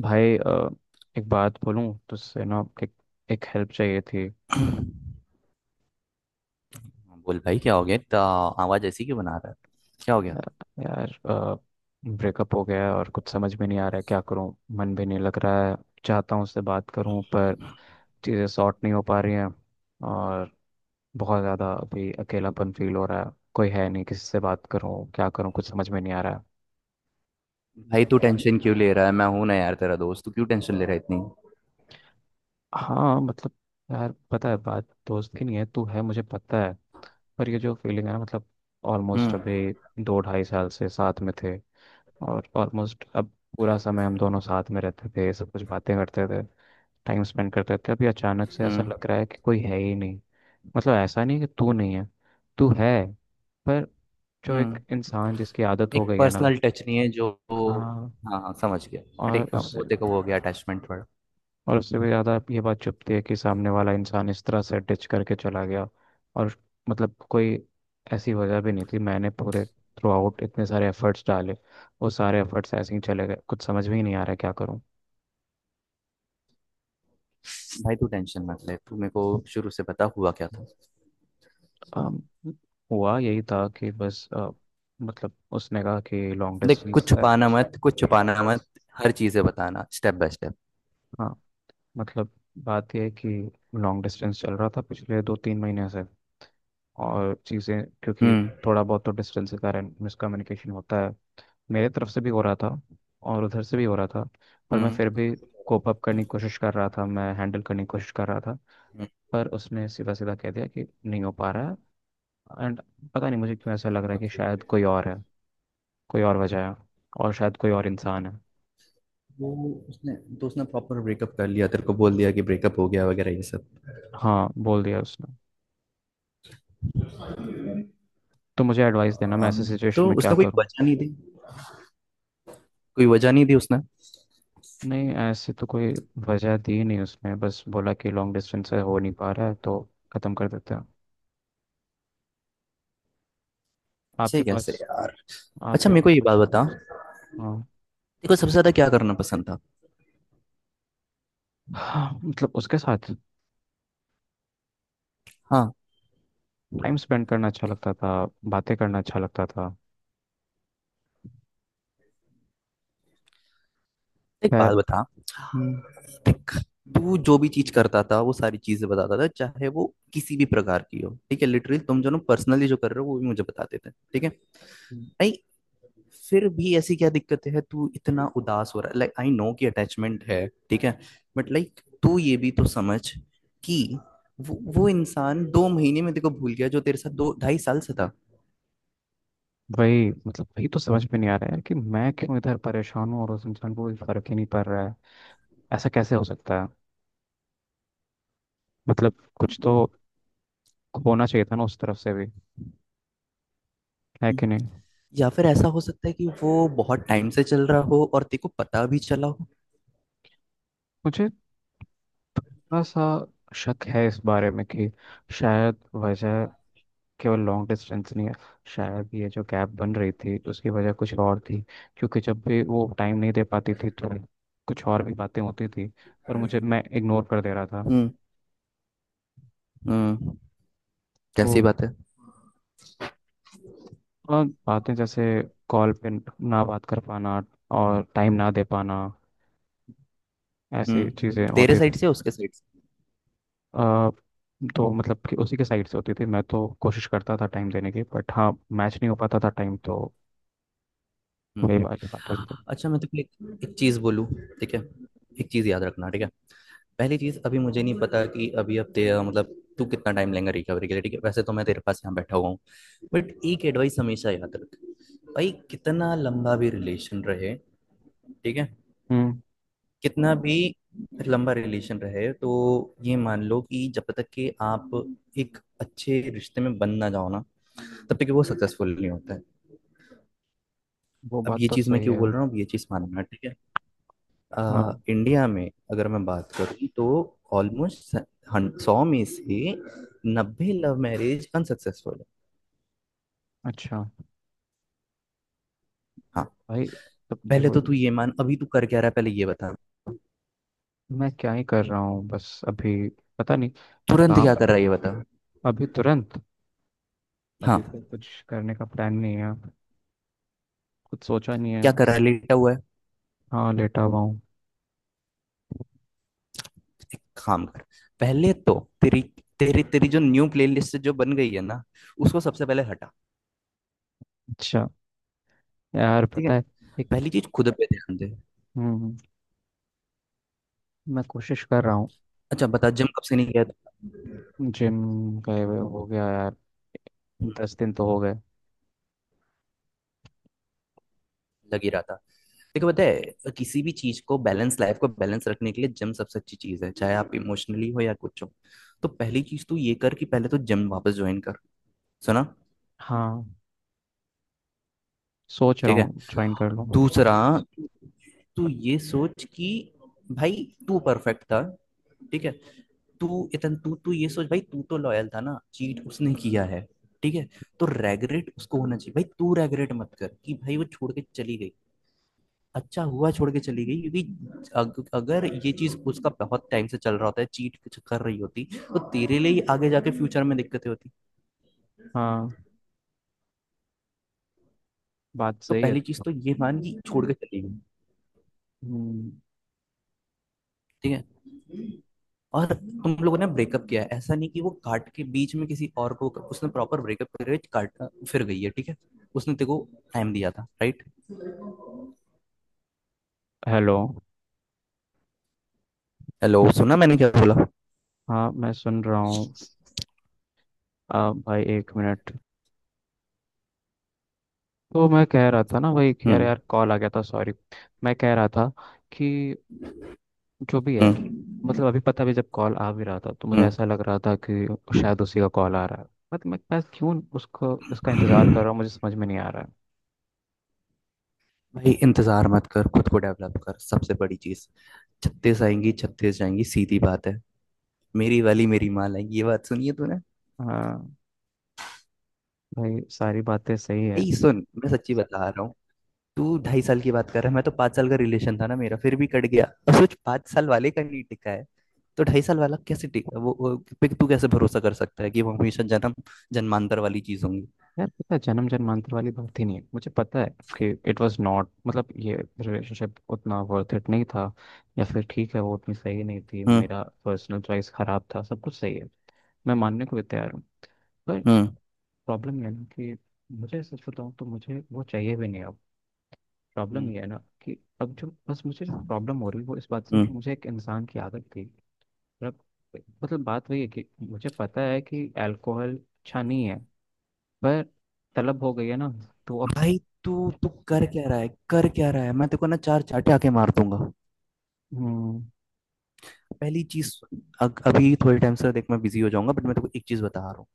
भाई एक बात बोलूं तुझसे ना एक एक हेल्प चाहिए थी। हाँ, बोल भाई। क्या हो गया इतना? आवाज ऐसी क्यों बना रहा है? क्या हो गया? अ, यार, ब्रेकअप हो गया है और कुछ समझ में नहीं आ रहा है क्या करूं। मन भी नहीं लग रहा है। चाहता हूं उससे बात करूं, पर चीज़ें सॉर्ट नहीं हो पा रही हैं। और बहुत ज़्यादा अभी अकेलापन फील हो रहा है, कोई है नहीं किसी से बात करूं, क्या करूं कुछ समझ में नहीं आ रहा है। भाई तू और टेंशन क्यों ले रहा है? मैं हूं ना यार, तेरा दोस्त। तू क्यों टेंशन ले रहा है इतनी? हाँ, मतलब यार पता है बात दोस्त की नहीं है, तू है मुझे पता है। पर ये जो फीलिंग है ना, मतलब ऑलमोस्ट हम्म। अभी 2 ढाई साल से साथ में थे। और ऑलमोस्ट अब पूरा समय हम दोनों साथ में रहते थे, सब कुछ बातें करते थे, टाइम स्पेंड करते थे। अभी अचानक से ऐसा हम्म। लग रहा है कि कोई है ही नहीं। मतलब ऐसा नहीं कि तू नहीं है, तू है, पर जो एक हम्म। इंसान जिसकी आदत हो एक गई है ना। पर्सनल टच नहीं है जो। हाँ। हाँ हाँ, समझ गया। हाँ, और ठीक। हाँ, वो उससे देखो, वो हो गया अटैचमेंट थोड़ा। और उससे भी ज़्यादा ये बात चुभती है कि सामने वाला इंसान इस तरह से डिच करके चला गया। और मतलब कोई ऐसी वजह भी नहीं थी, मैंने पूरे थ्रू आउट इतने सारे एफर्ट्स डाले। वो सारे एफर्ट्स ऐसे ही चले गए, कुछ समझ में ही नहीं आ रहा है क्या करूँ। भाई, तू टेंशन मत ले। तू मेरे को शुरू से बता, हुआ क्या था। अम, हुआ यही था कि बस मतलब उसने कहा कि लॉन्ग देख, डिस्टेंस कुछ है। छुपाना मत, कुछ छुपाना मत। हर चीजें बताना स्टेप बाय स्टेप। हाँ, मतलब बात यह है कि लॉन्ग डिस्टेंस चल रहा था पिछले 2 3 महीने से। और चीज़ें क्योंकि हम्म। थोड़ा बहुत तो डिस्टेंस के कारण मिसकम्युनिकेशन होता है, मेरे तरफ से भी हो रहा था और उधर से भी हो रहा था। पर मैं हम्म। फिर भी कोप अप करने की कोशिश कर रहा था, मैं हैंडल करने की कोशिश कर रहा था। हम्म, पर उसने सीधा सीधा कह दिया कि नहीं हो पा रहा है। एंड पता नहीं मुझे क्यों ऐसा लग रहा है कि शायद ओके। कोई और है, कोई और वजह है, और शायद कोई और इंसान है। वो उसने दोस्त ने प्रॉपर ब्रेकअप कर लिया, तेरे को बोल दिया कि ब्रेकअप हो गया वगैरह ये सब? हाँ, बोल दिया उसने। तो मुझे एडवाइस देना मैं ऐसे हम। सिचुएशन तो में क्या उसने कोई करूँ। वजह नहीं दी? कोई वजह नहीं दी उसने? नहीं, ऐसे तो कोई वजह दी नहीं उसने, बस बोला कि लॉन्ग डिस्टेंस से हो नहीं पा रहा है तो ख़त्म कर देते हैं। ऐसे आपके ही कैसे पास यार? आप अच्छा या मेरे को ये बात कुछ। बता, देखो हाँ। सबसे ज्यादा क्या करना पसंद था? हाँ, मतलब उसके साथ हाँ, टाइम स्पेंड करना अच्छा लगता था, बातें करना अच्छा लगता था। एक खैर। बात बता। हम्म। देख, तू जो भी चीज करता था वो सारी चीजें बताता था, चाहे वो किसी भी प्रकार की हो, ठीक है। लिटरली तुम जो पर्सनली जो कर रहे हो वो भी मुझे बताते थे, ठीक है। हम्म। भाई, फिर भी ऐसी क्या दिक्कत है तू इतना उदास हो रहा है? लाइक आई नो कि अटैचमेंट है, ठीक है। बट लाइक तू ये भी तो समझ कि वो इंसान 2 महीने में देखो भूल गया, जो तेरे साथ दो ढाई साल से था। वही तो समझ में नहीं आ रहा है कि मैं क्यों इधर परेशान हूँ और उस इंसान को कोई फर्क ही नहीं पड़ रहा है। ऐसा कैसे हो सकता है। मतलब कुछ तो होना चाहिए था ना उस तरफ से भी, है हम्म। कि नहीं। या फिर ऐसा हो सकता है कि वो बहुत टाइम से चल रहा हो और तेरे को पता भी चला हो। मुझे थोड़ा सा शक है इस बारे में कि शायद वजह केवल लॉन्ग डिस्टेंस नहीं है, शायद ये जो गैप बन रही थी उसकी वजह कुछ और थी। क्योंकि जब भी वो टाइम नहीं दे पाती थी तो कुछ और भी बातें होती थी, पर मुझे मैं इग्नोर कर दे रहा था। हम्म। हम्म, तो जैसी बात है। और बातें जैसे कॉल पे ना बात कर पाना और टाइम ना दे पाना, ऐसी चीज़ें हम्म, तेरे होती थी। साइड से? उसके साइड से? आ, तो मतलब कि उसी के साइड से होती थी, मैं तो कोशिश करता था टाइम देने की, बट हाँ मैच नहीं हो पाता था टाइम तो हम्म। वही वाली बात हो जाती। अच्छा, मैं तो एक चीज बोलूँ, ठीक है? एक चीज याद रखना, ठीक है। पहली चीज, अभी मुझे नहीं पता कि अभी अब तेरा मतलब तू कितना टाइम लेगा रिकवरी के लिए, ठीक है। वैसे तो मैं तेरे पास यहाँ बैठा हुआ हूँ। बट एक एडवाइस हमेशा याद रख। भाई, कितना लंबा भी रिलेशन रहे, ठीक है, हम्म। कितना भी लंबा रिलेशन रहे, तो ये मान लो कि जब तक कि आप एक अच्छे रिश्ते में बन ना जाओ ना, तब तक कि वो सक्सेसफुल नहीं होता है। वो अब बात ये तो चीज़ मैं सही क्यों है। बोल रहा हूँ, अब ये चीज़ मानना, ठीक है। हाँ। इंडिया में अगर मैं बात करूं तो ऑलमोस्ट 100 में से 90 लव मैरिज अनसक्सेसफुल है। अच्छा हाँ। भाई, तब पहले देखो तो तू ये मान, अभी तू कर क्या रहा है पहले ये बता। मैं क्या ही कर रहा हूँ बस अभी, पता नहीं। तुरंत क्या काम। कर रहा है ये बता। अभी तुरंत हाँ, अभी तो कुछ करने का प्लान नहीं है, कुछ सोचा नहीं है। क्या कर रहा है, लेटा हुआ है? हाँ, लेटा हुआ हूँ। एक काम कर। पहले तो तेरी तेरी तेरी जो न्यू प्लेलिस्ट जो बन गई है ना, उसको सबसे पहले हटा, अच्छा। यार ठीक है? पता है पहली एक। चीज, खुद पे ध्यान दे। हम्म। मैं कोशिश कर रहा हूँ। अच्छा बता, जिम कब से नहीं गया? जिम गए हुए हो गया यार, था? 10 दिन तो हो गए। लग ही रहा था। देखो, पता है, किसी भी चीज को बैलेंस, लाइफ को बैलेंस रखने के लिए जिम सबसे अच्छी चीज है, चाहे आप इमोशनली हो या कुछ हो। तो पहली चीज तो ये कर कि पहले तो जिम वापस ज्वाइन कर। सुना? हाँ, सोच रहा ठीक है। हूँ ज्वाइन कर लूँ। दूसरा, तू ये सोच कि भाई तू परफेक्ट था, ठीक है। तू ये सोच, भाई तू तो लॉयल था ना, चीट उसने किया है, ठीक है। तो रेगरेट उसको होना चाहिए, भाई। तू रेगरेट मत कर कि भाई वो छोड़ के चली गई। अच्छा हुआ छोड़ के चली गई, क्योंकि अगर ये चीज उसका बहुत टाइम से चल रहा होता है, चीट कर रही होती, तो तेरे लिए ही आगे जाके फ्यूचर में दिक्कतें होती। हाँ, बात तो सही है। पहली चीज तो ये मान कि छोड़ के चली गई, हम्म। ठीक है। और तुम लोगों ने ब्रेकअप किया है, ऐसा नहीं कि वो काट के बीच में किसी और को, उसने प्रॉपर ब्रेकअप करके काट फिर गई है, ठीक है। उसने तेरे को टाइम दिया था, राइट? हेलो। हेलो, सुना मैंने क्या बोला? हाँ, मैं सुन रहा हूँ। भाई एक मिनट। तो मैं कह रहा था ना भाई कि यार, हम्म। यार कॉल आ गया था, सॉरी। मैं कह रहा था कि जो भी है, हम्म। मतलब अभी पता भी जब कॉल आ भी रहा था तो मुझे ऐसा लग रहा था कि शायद उसी का कॉल आ रहा है। बट मैं क्यों उसको उसका इंतज़ार कर हम्म। रहा हूँ मुझे समझ में नहीं आ रहा है। भाई, इंतजार मत कर, खुद को डेवलप कर, सबसे बड़ी चीज। 36 आएंगी, 36 जाएंगी, सीधी बात है। मेरी वाली मेरी माँ लाएंगी, ये बात सुनी है तूने? हाँ भाई, सारी बातें सही है। भाई सुन, मैं सच्ची बता रहा हूँ। तू 2.5 साल की बात कर रहा है, मैं तो 5 साल का रिलेशन था ना मेरा, फिर भी कट गया। अब सोच, 5 साल वाले का नहीं टिका है, तो 2.5 साल वाला कैसे टिका? वो पे तू कैसे भरोसा कर सकता है कि वो हमेशा जन्म जन्मांतर वाली चीज होंगी? यार पता है, जन्म जन्मांतर वाली बात ही नहीं है मुझे पता है कि इट वाज नॉट, मतलब ये रिलेशनशिप उतना वर्थ इट नहीं था। या फिर ठीक है वो उतनी सही नहीं थी, हम्म। मेरा पर्सनल चॉइस खराब था, सब कुछ सही है। मैं मानने को भी तैयार हूँ, पर हम्म। प्रॉब्लम ये है ना कि मुझे सच बताऊँ तो मुझे वो चाहिए भी नहीं अब। प्रॉब्लम हम्म। ये है ना कि अब जो बस मुझे प्रॉब्लम हो रही है वो इस बात से हम्म। कि मुझे एक इंसान की आदत थी। मतलब मतलब बात वही है कि मुझे पता है कि अल्कोहल अच्छा नहीं है, पर तलब हो गई है ना, तो अब। भाई, तू तू कर क्या रहा है, कर क्या रहा है? मैं तेरे को ना चार चाटे आके मार दूंगा। हम्म। पहली चीज, अभी थोड़े टाइम से देख मैं बिजी हो जाऊंगा, बट मैं तेको एक चीज बता रहा हूँ।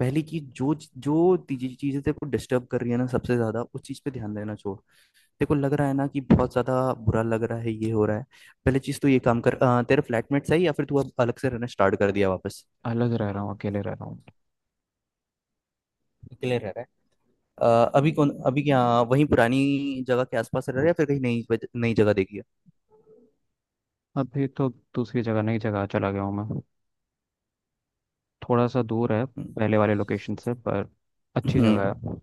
पहली चीज, जो जो चीजें तेरे को डिस्टर्ब कर रही है ना सबसे ज्यादा, उस चीज पे ध्यान देना छोड़। तेरे को लग रहा है ना कि बहुत ज्यादा बुरा लग रहा है, ये हो रहा है। पहली चीज तो ये काम कर। तेरे फ्लैटमेट्स है, या फिर तू अब अलग से रहना स्टार्ट कर दिया वापस? अलग रह रहा हूँ, अकेले रह रहा हूँ। क्लियर रह रहा है। अभी कौन, अभी क्या, वहीं पुरानी जगह के आसपास रह रहा है, या फिर कहीं नई जगह देखी है? अभी तो दूसरी जगह, नई जगह चला गया हूँ मैं, थोड़ा सा दूर है हम्म। पहले वाले लोकेशन से, पर अच्छी जगह हम्म। है।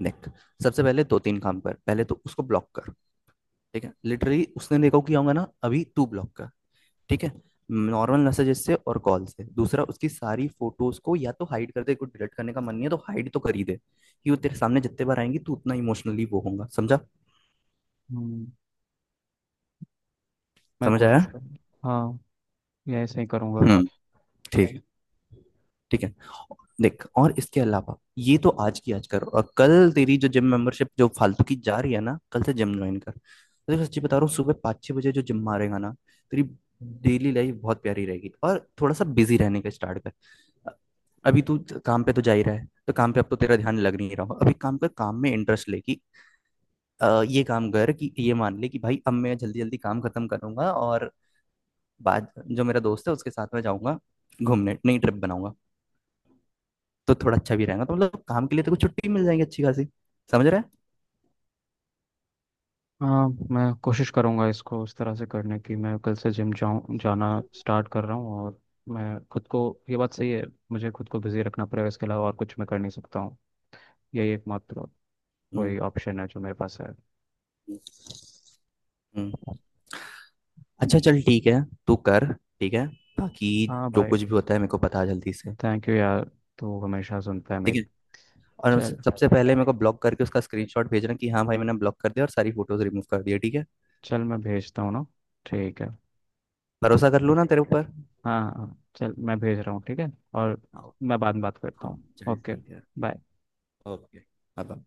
देख, सबसे पहले दो तीन काम कर। पहले तो उसको ब्लॉक कर, ठीक है? लिटरली उसने देखा कि होगा ना अभी तू ब्लॉक का, ठीक है। नॉर्मल मैसेजेस से और कॉल से। दूसरा, उसकी सारी फोटोज को या तो हाइड कर दे, को डिलीट करने का मन नहीं है तो हाइड तो कर ही दे, कि वो तेरे सामने जितने बार आएंगी तू उतना इमोशनली वो होगा, समझा? हम्म, मैं समझ कोशिश आया? करूँ। हाँ, ये ऐसे ही करूँगा। हम्म। ठीक है। ठीक है। देख, और इसके अलावा ये तो आज की आज कर, और कल तेरी जो जिम मेंबरशिप जो फालतू की जा रही है ना, कल से जिम ज्वाइन कर। देखो, सच्ची बता रहा हूँ, सुबह पाँच छः बजे जो जिम मारेगा ना, तेरी डेली लाइफ बहुत प्यारी रहेगी। और थोड़ा सा बिजी रहने का स्टार्ट कर। अभी तू काम पे तो जा ही रहा है, तो काम पे अब तो तेरा ध्यान लग नहीं रहा हो अभी, काम कर, काम में इंटरेस्ट ले कि ये काम कर कि ये मान ले कि भाई अब मैं जल्दी जल्दी काम खत्म करूंगा, और बाद जो मेरा दोस्त है उसके साथ में जाऊंगा घूमने, नई ट्रिप बनाऊंगा। तो थोड़ा अच्छा भी रहेगा, तो मतलब काम के लिए तो कुछ छुट्टी मिल जाएगी अच्छी खासी, समझ रहा है? हाँ, मैं कोशिश करूँगा इसको उस तरह से करने की। मैं कल से जिम जाऊँ जाना स्टार्ट कर रहा हूँ। और मैं खुद को, ये बात सही है, मुझे खुद को बिजी रखना पड़ेगा। इसके अलावा और कुछ मैं कर नहीं सकता हूँ, यही एकमात्र हम्म। कोई ऑप्शन है जो मेरे पास है। हम्म, हम्म। अच्छा चल, ठीक है, तू कर, ठीक है। बाकी हाँ जो भाई। कुछ भी होता है मेरे को बता जल्दी से, थैंक यू यार, तू हमेशा सुनता है ठीक है। मेरी। और चल, सबसे पहले मेरे को ब्लॉक करके उसका स्क्रीनशॉट भेजना, कि हाँ भाई मैंने ब्लॉक कर दिया और सारी फोटोज रिमूव कर दिया, ठीक है? चल मैं भेजता हूँ ना, ठीक है। भरोसा कर लूँ ना तेरे ऊपर? हाँ हाँ, चल मैं भेज रहा हूँ ठीक है। और हाँ, मैं बाद में बात करता हूँ, चल ओके। ठीक है। बाय। Okay, bye.